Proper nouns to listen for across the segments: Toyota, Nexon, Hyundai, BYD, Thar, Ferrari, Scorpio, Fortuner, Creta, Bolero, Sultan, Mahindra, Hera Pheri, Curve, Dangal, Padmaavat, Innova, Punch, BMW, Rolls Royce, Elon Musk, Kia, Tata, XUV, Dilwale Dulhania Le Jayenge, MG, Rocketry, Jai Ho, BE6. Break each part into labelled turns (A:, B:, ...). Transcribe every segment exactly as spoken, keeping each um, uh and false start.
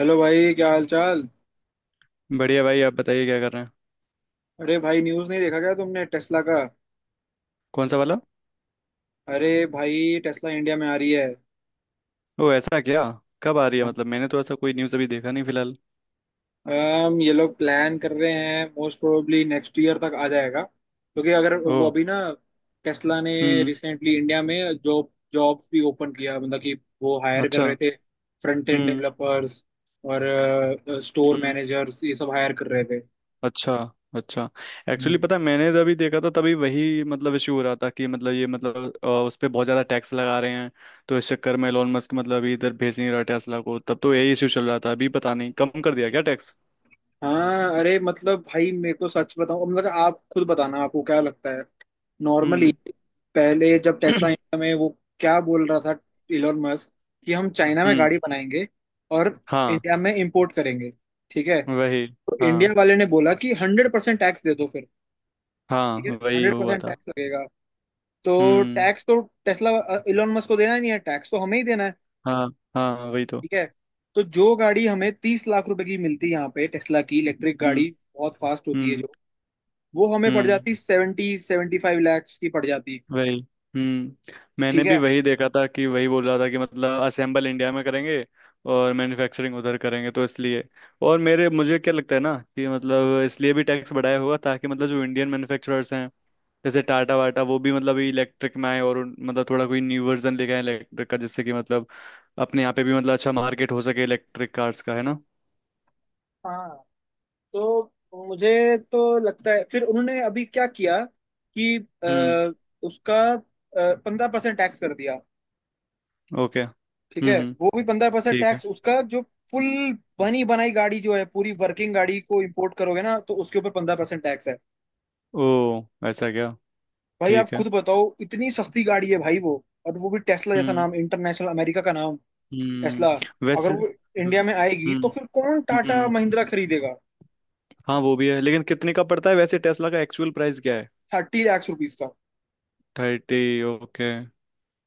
A: Hello भाई, क्या हाल चाल।
B: बढ़िया भाई। आप बताइए क्या कर रहे हैं।
A: अरे भाई, न्यूज़ नहीं देखा क्या तुमने टेस्ला का?
B: कौन सा वाला।
A: अरे भाई, टेस्ला इंडिया में आ रही है।
B: ओ ऐसा क्या। कब आ रही है? मतलब मैंने तो ऐसा कोई न्यूज़ अभी देखा नहीं फिलहाल।
A: um, ये लोग प्लान कर रहे हैं, मोस्ट प्रोबेबली नेक्स्ट ईयर तक आ जाएगा, क्योंकि अगर
B: ओ।
A: वो अभी ना, टेस्ला ने
B: हम्म।
A: रिसेंटली इंडिया में जॉब जॉब्स भी ओपन किया, मतलब कि वो हायर कर
B: अच्छा।
A: रहे थे फ्रंट एंड
B: हम्म।
A: डेवलपर्स और स्टोर
B: हम्म।
A: मैनेजर्स, ये सब हायर कर रहे
B: अच्छा। अच्छा। एक्चुअली
A: थे।
B: पता है, मैंने जब अभी देखा था तभी वही मतलब इशू हो रहा था कि मतलब ये मतलब अ, उस पर बहुत ज़्यादा टैक्स लगा रहे हैं। तो इस चक्कर में एलोन मस्क मतलब अभी इधर भेज नहीं रहा टेस्ला को। तब तो यही इशू चल रहा था। अभी पता नहीं कम कर दिया क्या टैक्स।
A: हाँ अरे मतलब भाई, मेरे को सच बताऊं, मतलब आप खुद बताना, आपको क्या लगता है। नॉर्मली
B: हम्म।
A: पहले जब टेस्ला इंडिया में, वो क्या बोल रहा था, इलोन मस्क, कि हम चाइना में
B: हम्म।
A: गाड़ी बनाएंगे और
B: हाँ।
A: इंडिया में इंपोर्ट करेंगे, ठीक है?
B: वही।
A: तो इंडिया
B: हाँ।
A: वाले ने बोला कि हंड्रेड परसेंट टैक्स दे दो फिर। ठीक है,
B: हाँ वही
A: हंड्रेड
B: हुआ
A: परसेंट
B: था।
A: टैक्स लगेगा, तो
B: हम्म।
A: टैक्स तो टेस्ला, इलोन मस्क को देना ही नहीं है, टैक्स तो हमें ही देना है।
B: हाँ। हाँ वही तो।
A: ठीक है, तो जो गाड़ी हमें तीस लाख रुपए की मिलती है यहाँ पे, टेस्ला की इलेक्ट्रिक
B: हम्म।
A: गाड़ी, बहुत फास्ट होती है
B: हम्म।
A: जो, वो हमें पड़
B: हम्म
A: जाती सेवेंटी सेवेंटी फाइव लैक्स की पड़ जाती।
B: वही। हम्म। मैंने
A: ठीक
B: भी
A: है?
B: वही देखा था कि वही बोल रहा था कि मतलब असेंबल इंडिया में करेंगे और मैन्युफैक्चरिंग उधर करेंगे तो इसलिए। और मेरे मुझे क्या लगता है ना कि मतलब इसलिए भी टैक्स बढ़ाया होगा ताकि मतलब जो इंडियन मैन्युफैक्चरर्स हैं जैसे टाटा वाटा वो भी मतलब इलेक्ट्रिक में आए और उन- मतलब थोड़ा कोई न्यू वर्जन लेके आए इलेक्ट्रिक का जिससे कि मतलब अपने यहाँ पे भी मतलब अच्छा मार्केट हो सके इलेक्ट्रिक कार्स का। है ना?
A: हाँ, तो मुझे तो लगता है फिर उन्होंने अभी क्या किया कि
B: हम्म।
A: अ, उसका पंद्रह परसेंट टैक्स कर दिया।
B: ओके।
A: ठीक
B: हम्म।
A: है,
B: हम्म।
A: वो भी पंद्रह परसेंट
B: ठीक है।
A: टैक्स, उसका जो फुल बनी बनाई गाड़ी जो है, पूरी वर्किंग गाड़ी को इंपोर्ट करोगे ना, तो उसके ऊपर पंद्रह परसेंट टैक्स है।
B: ओ ऐसा क्या।
A: भाई, आप
B: ठीक है।
A: खुद बताओ, इतनी सस्ती गाड़ी है भाई वो, और वो भी टेस्ला जैसा
B: हम्म।
A: नाम, इंटरनेशनल, अमेरिका का नाम।
B: हम्म
A: टेस्ला अगर
B: वैसे।
A: वो इंडिया में आएगी, तो
B: हम्म।
A: फिर कौन टाटा
B: हम्म।
A: महिंद्रा खरीदेगा।
B: हाँ वो भी है। लेकिन कितने का पड़ता है वैसे? टेस्ला का एक्चुअल प्राइस क्या है?
A: थर्टी लैक्स रुपीज का।
B: थर्टी। ओके।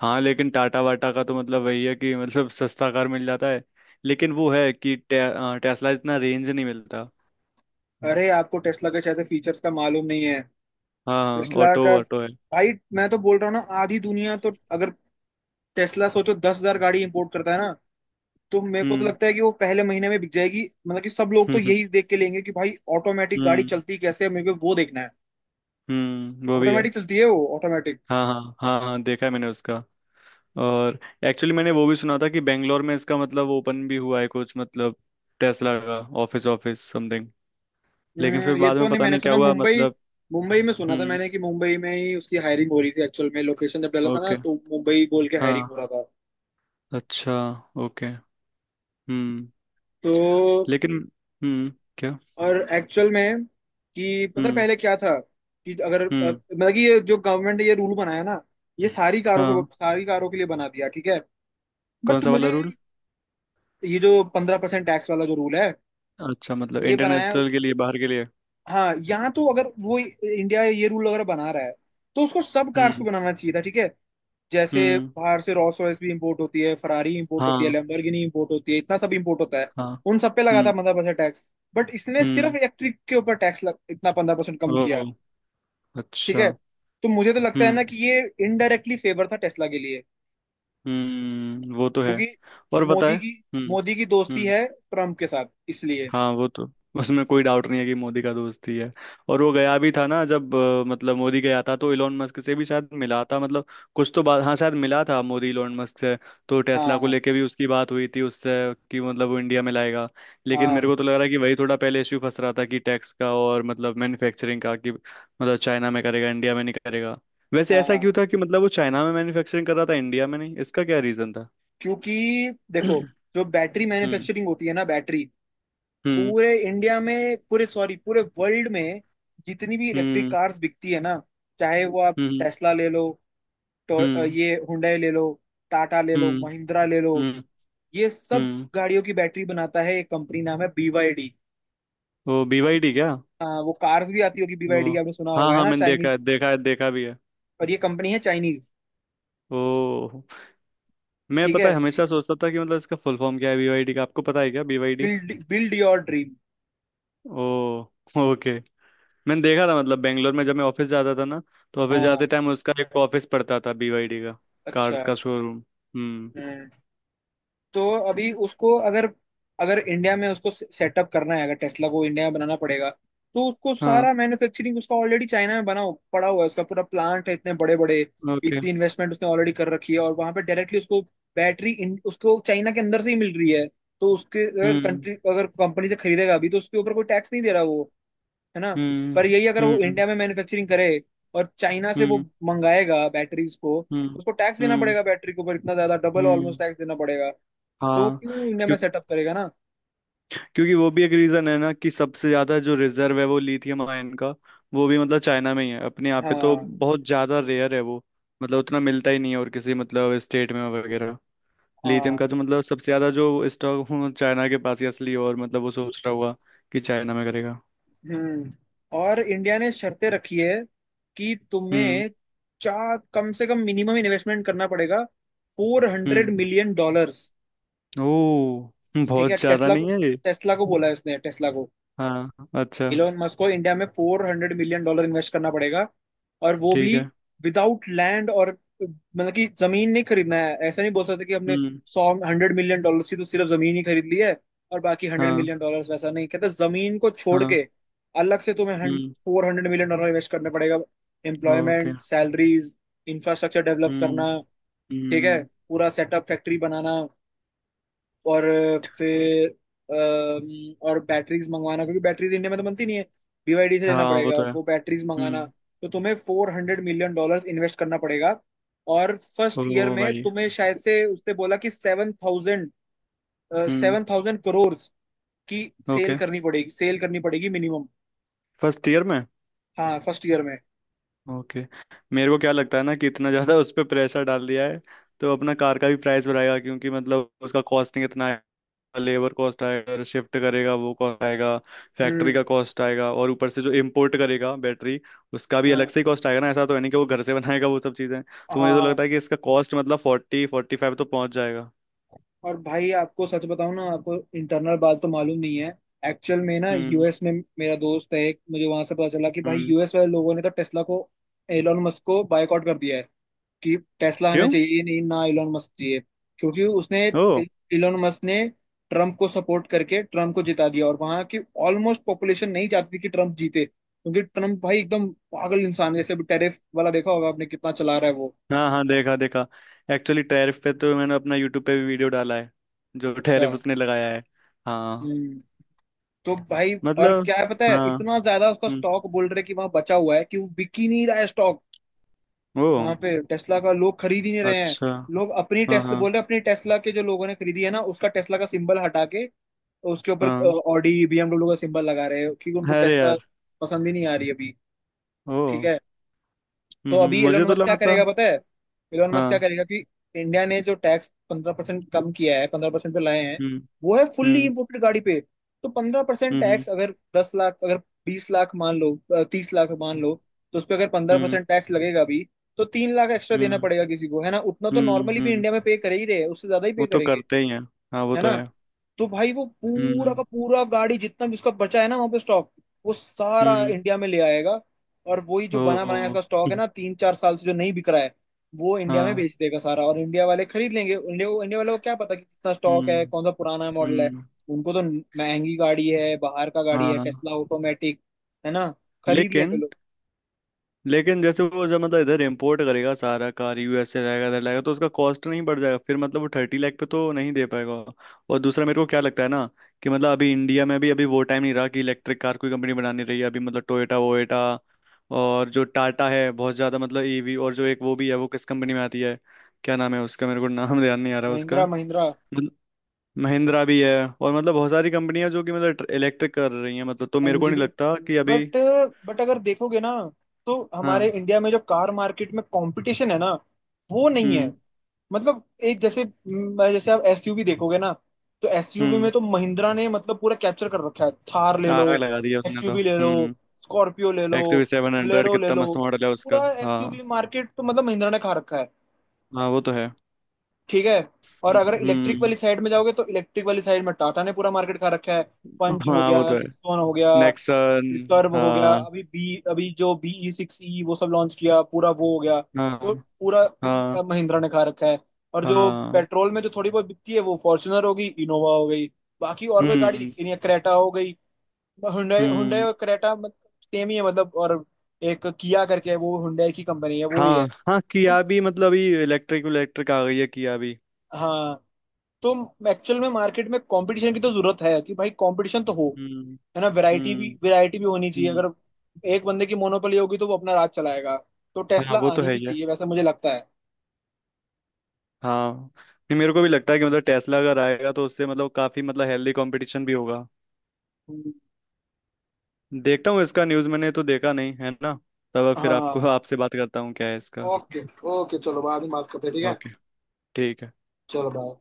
B: हाँ लेकिन टाटा वाटा का तो मतलब वही है कि मतलब सस्ता कार मिल जाता है। लेकिन वो है कि टे, अ, टेस्ला इतना रेंज नहीं मिलता।
A: अरे, आपको टेस्ला के शायद फीचर्स का मालूम नहीं है।
B: हाँ हाँ।
A: टेस्ला
B: ऑटो
A: का,
B: ऑटो है।
A: भाई मैं तो बोल रहा हूँ ना, आधी दुनिया तो, अगर टेस्ला सोचो दस हजार गाड़ी इंपोर्ट करता है ना, तो मेरे को तो
B: हम्म।
A: लगता है कि वो पहले महीने में बिक जाएगी, मतलब कि सब लोग तो
B: हम्म।
A: यही देख के लेंगे कि भाई ऑटोमेटिक गाड़ी
B: हम्म।
A: चलती कैसे है, मेरे को वो देखना है।
B: हम्म वो भी है।
A: ऑटोमेटिक चलती है वो, ऑटोमेटिक।
B: हाँ हाँ हाँ हाँ, देखा है मैंने उसका। और एक्चुअली मैंने वो भी सुना था कि बेंगलोर में इसका मतलब ओपन भी हुआ है कुछ मतलब। टेस्ला का ऑफिस। Office something. लेकिन फिर
A: ये
B: बाद
A: तो
B: में
A: नहीं,
B: पता
A: मैंने
B: नहीं क्या
A: सुना
B: हुआ
A: मुंबई
B: मतलब।
A: मुंबई में सुना था
B: हम्म।
A: मैंने, कि मुंबई में ही उसकी हायरिंग हो रही थी। एक्चुअल में लोकेशन जब डाला था ना,
B: ओके।
A: तो मुंबई बोल के हायरिंग हो
B: हाँ।
A: रहा था।
B: अच्छा। ओके। हम्म।
A: तो
B: लेकिन। हम्म। क्या।
A: और एक्चुअल में, कि पता है
B: हम्म।
A: पहले क्या था, कि अगर अ,
B: हम्म।
A: मतलब कि ये जो गवर्नमेंट ने ये रूल बनाया ना, ये सारी कारों
B: हाँ।
A: को, सारी कारों के लिए बना दिया, ठीक है।
B: कौन
A: बट
B: सा वाला
A: मुझे,
B: रूल?
A: ये जो पंद्रह परसेंट टैक्स वाला जो रूल है,
B: अच्छा मतलब
A: ये बनाया उस-,
B: इंटरनेशनल के लिए? बाहर के लिए?
A: हाँ, यहाँ तो अगर वो इंडिया ये रूल अगर बना रहा है, तो उसको सब कार्स पे
B: हम्म।
A: बनाना चाहिए था, ठीक है? जैसे
B: हम्म।
A: बाहर से रोल्स रॉयस भी इंपोर्ट होती है, फरारी इंपोर्ट होती है,
B: हाँ।
A: लैम्बोर्गिनी इंपोर्ट होती है, इतना सब इंपोर्ट होता है।
B: हाँ।
A: उन सब पे लगा था
B: हम्म।
A: पंद्रह परसेंट टैक्स, बट इसने सिर्फ
B: हम्म।
A: इलेक्ट्रिक के ऊपर टैक्स लग, इतना पंद्रह परसेंट कम
B: ओ।
A: किया। ठीक
B: अच्छा।
A: है, तो मुझे तो लगता है
B: हम्म।
A: ना कि ये इनडायरेक्टली फेवर था टेस्ला के लिए,
B: हम्म वो तो है।
A: क्योंकि
B: और बताए।
A: मोदी की
B: हम्म।
A: मोदी की दोस्ती
B: हम्म,
A: है ट्रम्प के साथ, इसलिए।
B: हाँ वो तो। उसमें कोई डाउट नहीं है कि मोदी का दोस्त ही है। और वो गया भी था ना जब अ, मतलब मोदी गया था तो इलोन मस्क से भी शायद मिला था मतलब। कुछ तो बात, हाँ शायद मिला था मोदी इलोन मस्क से। तो टेस्ला को
A: हाँ
B: लेके भी उसकी बात हुई थी उससे कि मतलब वो इंडिया में लाएगा। लेकिन मेरे
A: हाँ
B: को तो लग रहा है कि वही थोड़ा पहले इश्यू फंस रहा था कि टैक्स का और मतलब मैन्युफैक्चरिंग का कि मतलब चाइना में करेगा इंडिया में नहीं करेगा। वैसे ऐसा क्यों
A: हाँ,
B: था कि मतलब वो चाइना में मैन्युफैक्चरिंग कर रहा था इंडिया में नहीं? इसका क्या रीजन था?
A: क्योंकि देखो, जो बैटरी मैन्युफैक्चरिंग होती है ना बैटरी,
B: हम्म। हम्म।
A: पूरे इंडिया में, पूरे सॉरी पूरे वर्ल्ड में, जितनी भी इलेक्ट्रिक
B: हम्म।
A: कार्स बिकती है ना, चाहे वो आप
B: हम्म।
A: टेस्ला ले लो, तो अ,
B: हम्म।
A: ये हुंडई ले लो, टाटा ले लो,
B: हम्म।
A: महिंद्रा ले लो,
B: हम्म।
A: ये सब
B: हम्म।
A: गाड़ियों की बैटरी बनाता है, एक कंपनी नाम है बी वाई डी।
B: वो
A: अब
B: बीवाईडी क्या?
A: हाँ, वो कार्स भी आती होगी बीवाईडी
B: वो,
A: की, आपने सुना
B: हाँ
A: होगा, है
B: हाँ,
A: ना,
B: मैंने देखा
A: चाइनीज।
B: है देखा है देखा भी है।
A: और ये कंपनी है चाइनीज।
B: ओ। मैं
A: ठीक
B: पता
A: है,
B: है हमेशा सोचता था कि मतलब इसका फुल फॉर्म क्या है बीवाईडी का। आपको पता है क्या BYD?
A: Build build your dream.
B: ओ। ओके। मैंने देखा था मतलब बेंगलोर में जब मैं ऑफिस जाता था ना तो ऑफिस जाते
A: हाँ,
B: टाइम उसका एक ऑफिस पड़ता था बीवाईडी का।
A: अच्छा।
B: कार्स का शोरूम। हम्म।
A: हम्म, तो अभी उसको अगर, अगर इंडिया में उसको सेटअप करना है, अगर टेस्ला को इंडिया में बनाना पड़ेगा, तो उसको
B: हाँ।
A: सारा मैन्युफैक्चरिंग, उसका ऑलरेडी चाइना में बना हो- पड़ा हुआ है, उसका पूरा प्लांट है, इतने बड़े बड़े,
B: ओके।
A: इतनी इन्वेस्टमेंट उसने ऑलरेडी कर रखी है, और वहां पे डायरेक्टली उसको बैटरी, उसको चाइना के अंदर से ही मिल रही है। तो उसके अगर
B: हम्म।
A: कंट्री, अगर कंपनी से खरीदेगा अभी, तो उसके ऊपर कोई टैक्स नहीं दे रहा वो, है ना।
B: हम्म।
A: पर यही अगर वो
B: हम्म।
A: इंडिया में मैन्युफैक्चरिंग करे और चाइना से वो
B: हम्म।
A: मंगाएगा बैटरीज को, तो
B: हम्म।
A: उसको टैक्स देना
B: हम्म।
A: पड़ेगा, बैटरी के ऊपर इतना ज्यादा डबल
B: हम्म।
A: ऑलमोस्ट टैक्स देना पड़ेगा। तो वो
B: हाँ।
A: क्यों इंडिया में सेटअप करेगा ना।
B: क्योंकि वो भी एक रीजन है ना कि सबसे ज्यादा जो रिजर्व है वो लिथियम आयन का, वो भी मतलब चाइना में ही है। अपने यहाँ पे तो
A: हाँ
B: बहुत ज्यादा रेयर है वो। मतलब उतना मिलता ही नहीं है और किसी मतलब स्टेट में वगैरह। लिथियम
A: हाँ,
B: का तो मतलब सबसे ज्यादा जो स्टॉक चाइना के पास ही असली, और मतलब वो सोच रहा होगा कि चाइना में करेगा।
A: हम्म। और इंडिया ने शर्तें रखी है कि
B: हम्म।
A: तुम्हें, चार कम से कम, मिनिमम इन्वेस्टमेंट करना पड़ेगा फोर हंड्रेड
B: हम्म।
A: मिलियन डॉलर्स
B: ओ।
A: ठीक है,
B: बहुत ज्यादा
A: टेस्ला को,
B: नहीं है ये।
A: टेस्ला को बोला है उसने, टेस्ला को,
B: हाँ। अच्छा।
A: इलोन मस्क को, इंडिया में four hundred million dollar invest करना पड़ेगा, और वो भी
B: ठीक है।
A: Without land. और मतलब कि जमीन नहीं खरीदना है, ऐसा नहीं बोल सकते कि हमने
B: हम्म।
A: सौ हंड्रेड मिलियन डॉलर की तो सिर्फ जमीन ही खरीद ली है, और बाकी हंड्रेड
B: हाँ।
A: मिलियन डॉलर वैसा नहीं कहते। जमीन को छोड़ के
B: हाँ।
A: अलग से तुम्हें
B: हम्म।
A: Four hundred million dollar invest करने पड़ेगा,
B: okay.
A: Employment salaries, infrastructure develop
B: हम्म।
A: करना, ठीक है,
B: हम्म।
A: पूरा सेटअप, फैक्ट्री बनाना, और फिर अम, और बैटरीज मंगवाना, क्योंकि बैटरीज इंडिया में तो बनती नहीं है, बीवाईडी से लेना
B: हाँ वो
A: पड़ेगा
B: तो है।
A: वो, बैटरीज मंगाना।
B: हम्म।
A: तो तुम्हें four hundred million dollars invest करना पड़ेगा, और
B: ओ
A: फर्स्ट ईयर में
B: भाई।
A: तुम्हें शायद से उसने बोला कि सेवन थाउजेंड
B: हम्म।
A: सेवन थाउजेंड करोड़ की सेल
B: ओके।
A: करनी पड़ेगी, सेल करनी पड़ेगी मिनिमम।
B: फर्स्ट ईयर में?
A: हाँ, फर्स्ट ईयर में।
B: ओके। मेरे को क्या लगता है ना कि इतना ज़्यादा उस पर प्रेशर डाल दिया है तो अपना कार का भी प्राइस बढ़ाएगा क्योंकि मतलब उसका कॉस्टिंग इतना आएगा। लेबर कॉस्ट आएगा, शिफ्ट करेगा वो कॉस्ट आएगा, फैक्ट्री का
A: हम्म,
B: कॉस्ट आएगा, और ऊपर से जो इम्पोर्ट करेगा बैटरी उसका भी अलग
A: हाँ
B: से ही कॉस्ट आएगा ना। ऐसा तो है नहीं कि वो घर से बनाएगा वो सब चीज़ें।
A: हाँ
B: तो मुझे तो
A: हाँ।
B: लगता है कि इसका कॉस्ट मतलब फोर्टी फोर्टी फाइव तो पहुंच जाएगा।
A: और भाई, आपको सच बताऊं ना, आपको इंटरनल बात तो मालूम नहीं है। एक्चुअल में ना,
B: हम्म।
A: यूएस में मेरा दोस्त है एक, मुझे वहां से पता चला कि भाई,
B: हम्म।
A: यूएस वाले लोगों ने तो टेस्ला को, एलोन मस्क को बायकॉट कर दिया है, कि टेस्ला हमें
B: क्यों?
A: चाहिए ही नहीं, ना एलोन मस्क चाहिए। क्योंकि उसने,
B: ओ।
A: एलोन मस्क ने ट्रम्प को सपोर्ट करके ट्रम्प को जिता दिया, और वहां की ऑलमोस्ट पॉपुलेशन नहीं चाहती थी कि ट्रम्प जीते, क्योंकि ट्रम्प भाई एकदम पागल इंसान है, जैसे टेरिफ वाला देखा होगा आपने, कितना चला रहा है वो।
B: हाँ हाँ, देखा देखा। एक्चुअली टैरिफ पे तो मैंने अपना यूट्यूब पे भी वीडियो डाला है जो
A: अच्छा,
B: टैरिफ उसने लगाया है। हाँ।
A: हम्म। तो भाई और
B: मतलब।
A: क्या है पता है,
B: हाँ।
A: इतना ज्यादा उसका
B: हम्म।
A: स्टॉक बोल रहे कि वहां बचा हुआ है, कि वो बिक ही नहीं रहा है स्टॉक।
B: ओ।
A: वहां पे टेस्ला का लोग खरीद ही नहीं रहे हैं।
B: अच्छा।
A: लोग अपनी
B: हाँ।
A: टेस्ला
B: हाँ।
A: बोल रहे हैं, अपनी टेस्ला के जो लोगों ने खरीदी है ना, उसका टेस्ला का सिंबल हटा के उसके ऊपर
B: हाँ।
A: ऑडी बीएमडब्ल्यू का सिंबल लगा रहे हैं, क्योंकि उनको
B: अरे
A: टेस्ला
B: यार।
A: पसंद ही नहीं आ रही अभी।
B: ओ।
A: ठीक है,
B: हम्म
A: तो
B: हम्म,
A: अभी
B: मुझे
A: एलोन
B: तो
A: मस्क क्या
B: लगा था।
A: करेगा पता है, एलोन मस्क क्या
B: हाँ।
A: करेगा कि, इंडिया ने जो टैक्स पंद्रह परसेंट कम किया है, पंद्रह परसेंट पे लाए हैं,
B: हम्म।
A: वो है फुल्ली
B: हम्म।
A: इम्पोर्टेड गाड़ी पे। तो पंद्रह परसेंट
B: हम्म। हम्म।
A: टैक्स अगर, दस लाख अगर, बीस लाख मान लो, तीस लाख मान लो, तो उस पर अगर पंद्रह
B: हम्म।
A: परसेंट टैक्स लगेगा भी, तो तीन लाख एक्स्ट्रा देना
B: हम्म।
A: पड़ेगा किसी को, है ना। उतना तो
B: हम्म।
A: नॉर्मली भी
B: हम्म,
A: इंडिया में पे कर ही रहे हैं, उससे ज्यादा ही पे
B: वो तो
A: करेंगे,
B: करते ही हैं। हाँ वो
A: है
B: तो
A: ना।
B: है।
A: तो भाई वो पूरा
B: हम्म।
A: का पूरा गाड़ी जितना भी उसका बचा है ना वहां पे स्टॉक, वो सारा
B: हम्म।
A: इंडिया में ले आएगा। और वही जो बना बनाया
B: ओ।
A: इसका स्टॉक है ना, तीन चार साल से जो नहीं बिक रहा है, वो इंडिया में
B: हाँ।
A: बेच देगा सारा, और इंडिया वाले खरीद लेंगे। इंडिया इंडिया वाले को क्या पता कि कितना स्टॉक है,
B: हम्म।
A: कौन सा पुराना मॉडल है।
B: हम्म।
A: उनको तो महंगी गाड़ी है, बाहर का गाड़ी है
B: हाँ।
A: टेस्ला, ऑटोमेटिक, है ना, खरीद लेंगे
B: लेकिन।
A: लोग।
B: लेकिन जैसे वो जब मतलब इधर इम्पोर्ट करेगा सारा कार यूएस से रहेगा इधर लाएगा तो उसका कॉस्ट नहीं बढ़ जाएगा फिर? मतलब वो थर्टी लाख पे तो नहीं दे पाएगा। और दूसरा मेरे को क्या लगता है ना कि मतलब अभी इंडिया में भी अभी वो टाइम नहीं रहा कि इलेक्ट्रिक कार कोई कंपनी बना नहीं रही है अभी मतलब टोयोटा वोयोटा। और जो टाटा है बहुत ज़्यादा मतलब ईवी, और जो एक वो भी है वो किस कंपनी में आती है? क्या नाम है उसका? मेरे को नाम ध्यान नहीं आ रहा उसका।
A: महिंद्रा, महिंद्रा
B: मतलब। महिंद्रा भी है। और मतलब बहुत सारी कंपनियां जो कि मतलब इलेक्ट्रिक कर रही हैं मतलब, तो मेरे को
A: एमजी
B: नहीं
A: भी।
B: लगता कि अभी।
A: बट बट अगर देखोगे ना, तो हमारे
B: हाँ।
A: इंडिया में जो कार मार्केट में कंपटीशन है ना, वो नहीं है।
B: हम्म।
A: मतलब एक, जैसे म, जैसे आप एसयूवी देखोगे ना, तो एसयूवी में
B: हम्म।
A: तो महिंद्रा ने मतलब पूरा कैप्चर कर रखा है, थार ले लो,
B: आग लगा दिया उसने तो।
A: एक्सयूवी ले लो,
B: हम्म।
A: स्कॉर्पियो ले लो,
B: X U V seven hundred
A: Bolero ले
B: कितना
A: लो,
B: मस्त मॉडल है उसका।
A: पूरा
B: हाँ।
A: एसयूवी मार्केट तो मतलब महिंद्रा ने खा रखा है,
B: हाँ वो तो है।
A: ठीक है। और अगर इलेक्ट्रिक
B: हम्म।
A: वाली साइड में जाओगे, तो इलेक्ट्रिक वाली साइड में टाटा ने पूरा मार्केट खा रखा है। पंच हो
B: हाँ वो
A: गया,
B: तो है।
A: निक्सॉन हो गया, फिर
B: नेक्सन।
A: कर्व हो गया,
B: हाँ
A: अभी बी, अभी जो बी ई सिक्स ई, वो सब लॉन्च किया पूरा वो हो गया, तो
B: हाँ
A: पूरा अ,
B: हाँ
A: महिंद्रा ने खा रखा है। और जो
B: हाँ।
A: पेट्रोल में जो थोड़ी बहुत बिकती है, वो फॉर्च्यूनर हो गई, इनोवा हो गई, बाकी और कोई गाड़ी
B: हम्म।
A: दिखती नहीं है, क्रेटा हो गई। हुंडई, हुंडई
B: हम्म।
A: और क्रेटा सेम ही है मतलब। और एक किया करके है, वो हुंडई की कंपनी है, वो ही
B: हाँ
A: है।
B: हाँ किया
A: तो,
B: भी मतलब ये इलेक्ट्रिक इलेक्ट्रिक आ गई है किया भी।
A: हाँ, तो एक्चुअल में मार्केट में कंपटीशन की तो जरूरत है, कि भाई कंपटीशन तो हो,
B: हम्म।
A: है ना। वैरायटी
B: हम्म।
A: भी वैरायटी भी होनी चाहिए।
B: हम्म।
A: अगर एक बंदे की मोनोपोली होगी, तो वो अपना राज चलाएगा। तो
B: हाँ
A: टेस्ला
B: वो तो
A: आनी
B: है
A: भी
B: ही है।
A: चाहिए, वैसा मुझे लगता है।
B: हाँ। नहीं, मेरे को भी लगता है कि मतलब टेस्ला अगर आएगा तो उससे मतलब काफी मतलब हेल्दी कंपटीशन भी होगा।
A: हम्म।
B: देखता हूँ इसका न्यूज़ मैंने तो देखा नहीं है ना। तब अब फिर आपको
A: हाँ,
B: आपसे बात करता हूँ क्या है इसका।
A: ओके। ओके, चलो बाद में बात करते हैं, ठीक है।
B: ओके। ठीक है।
A: चलो, बाय।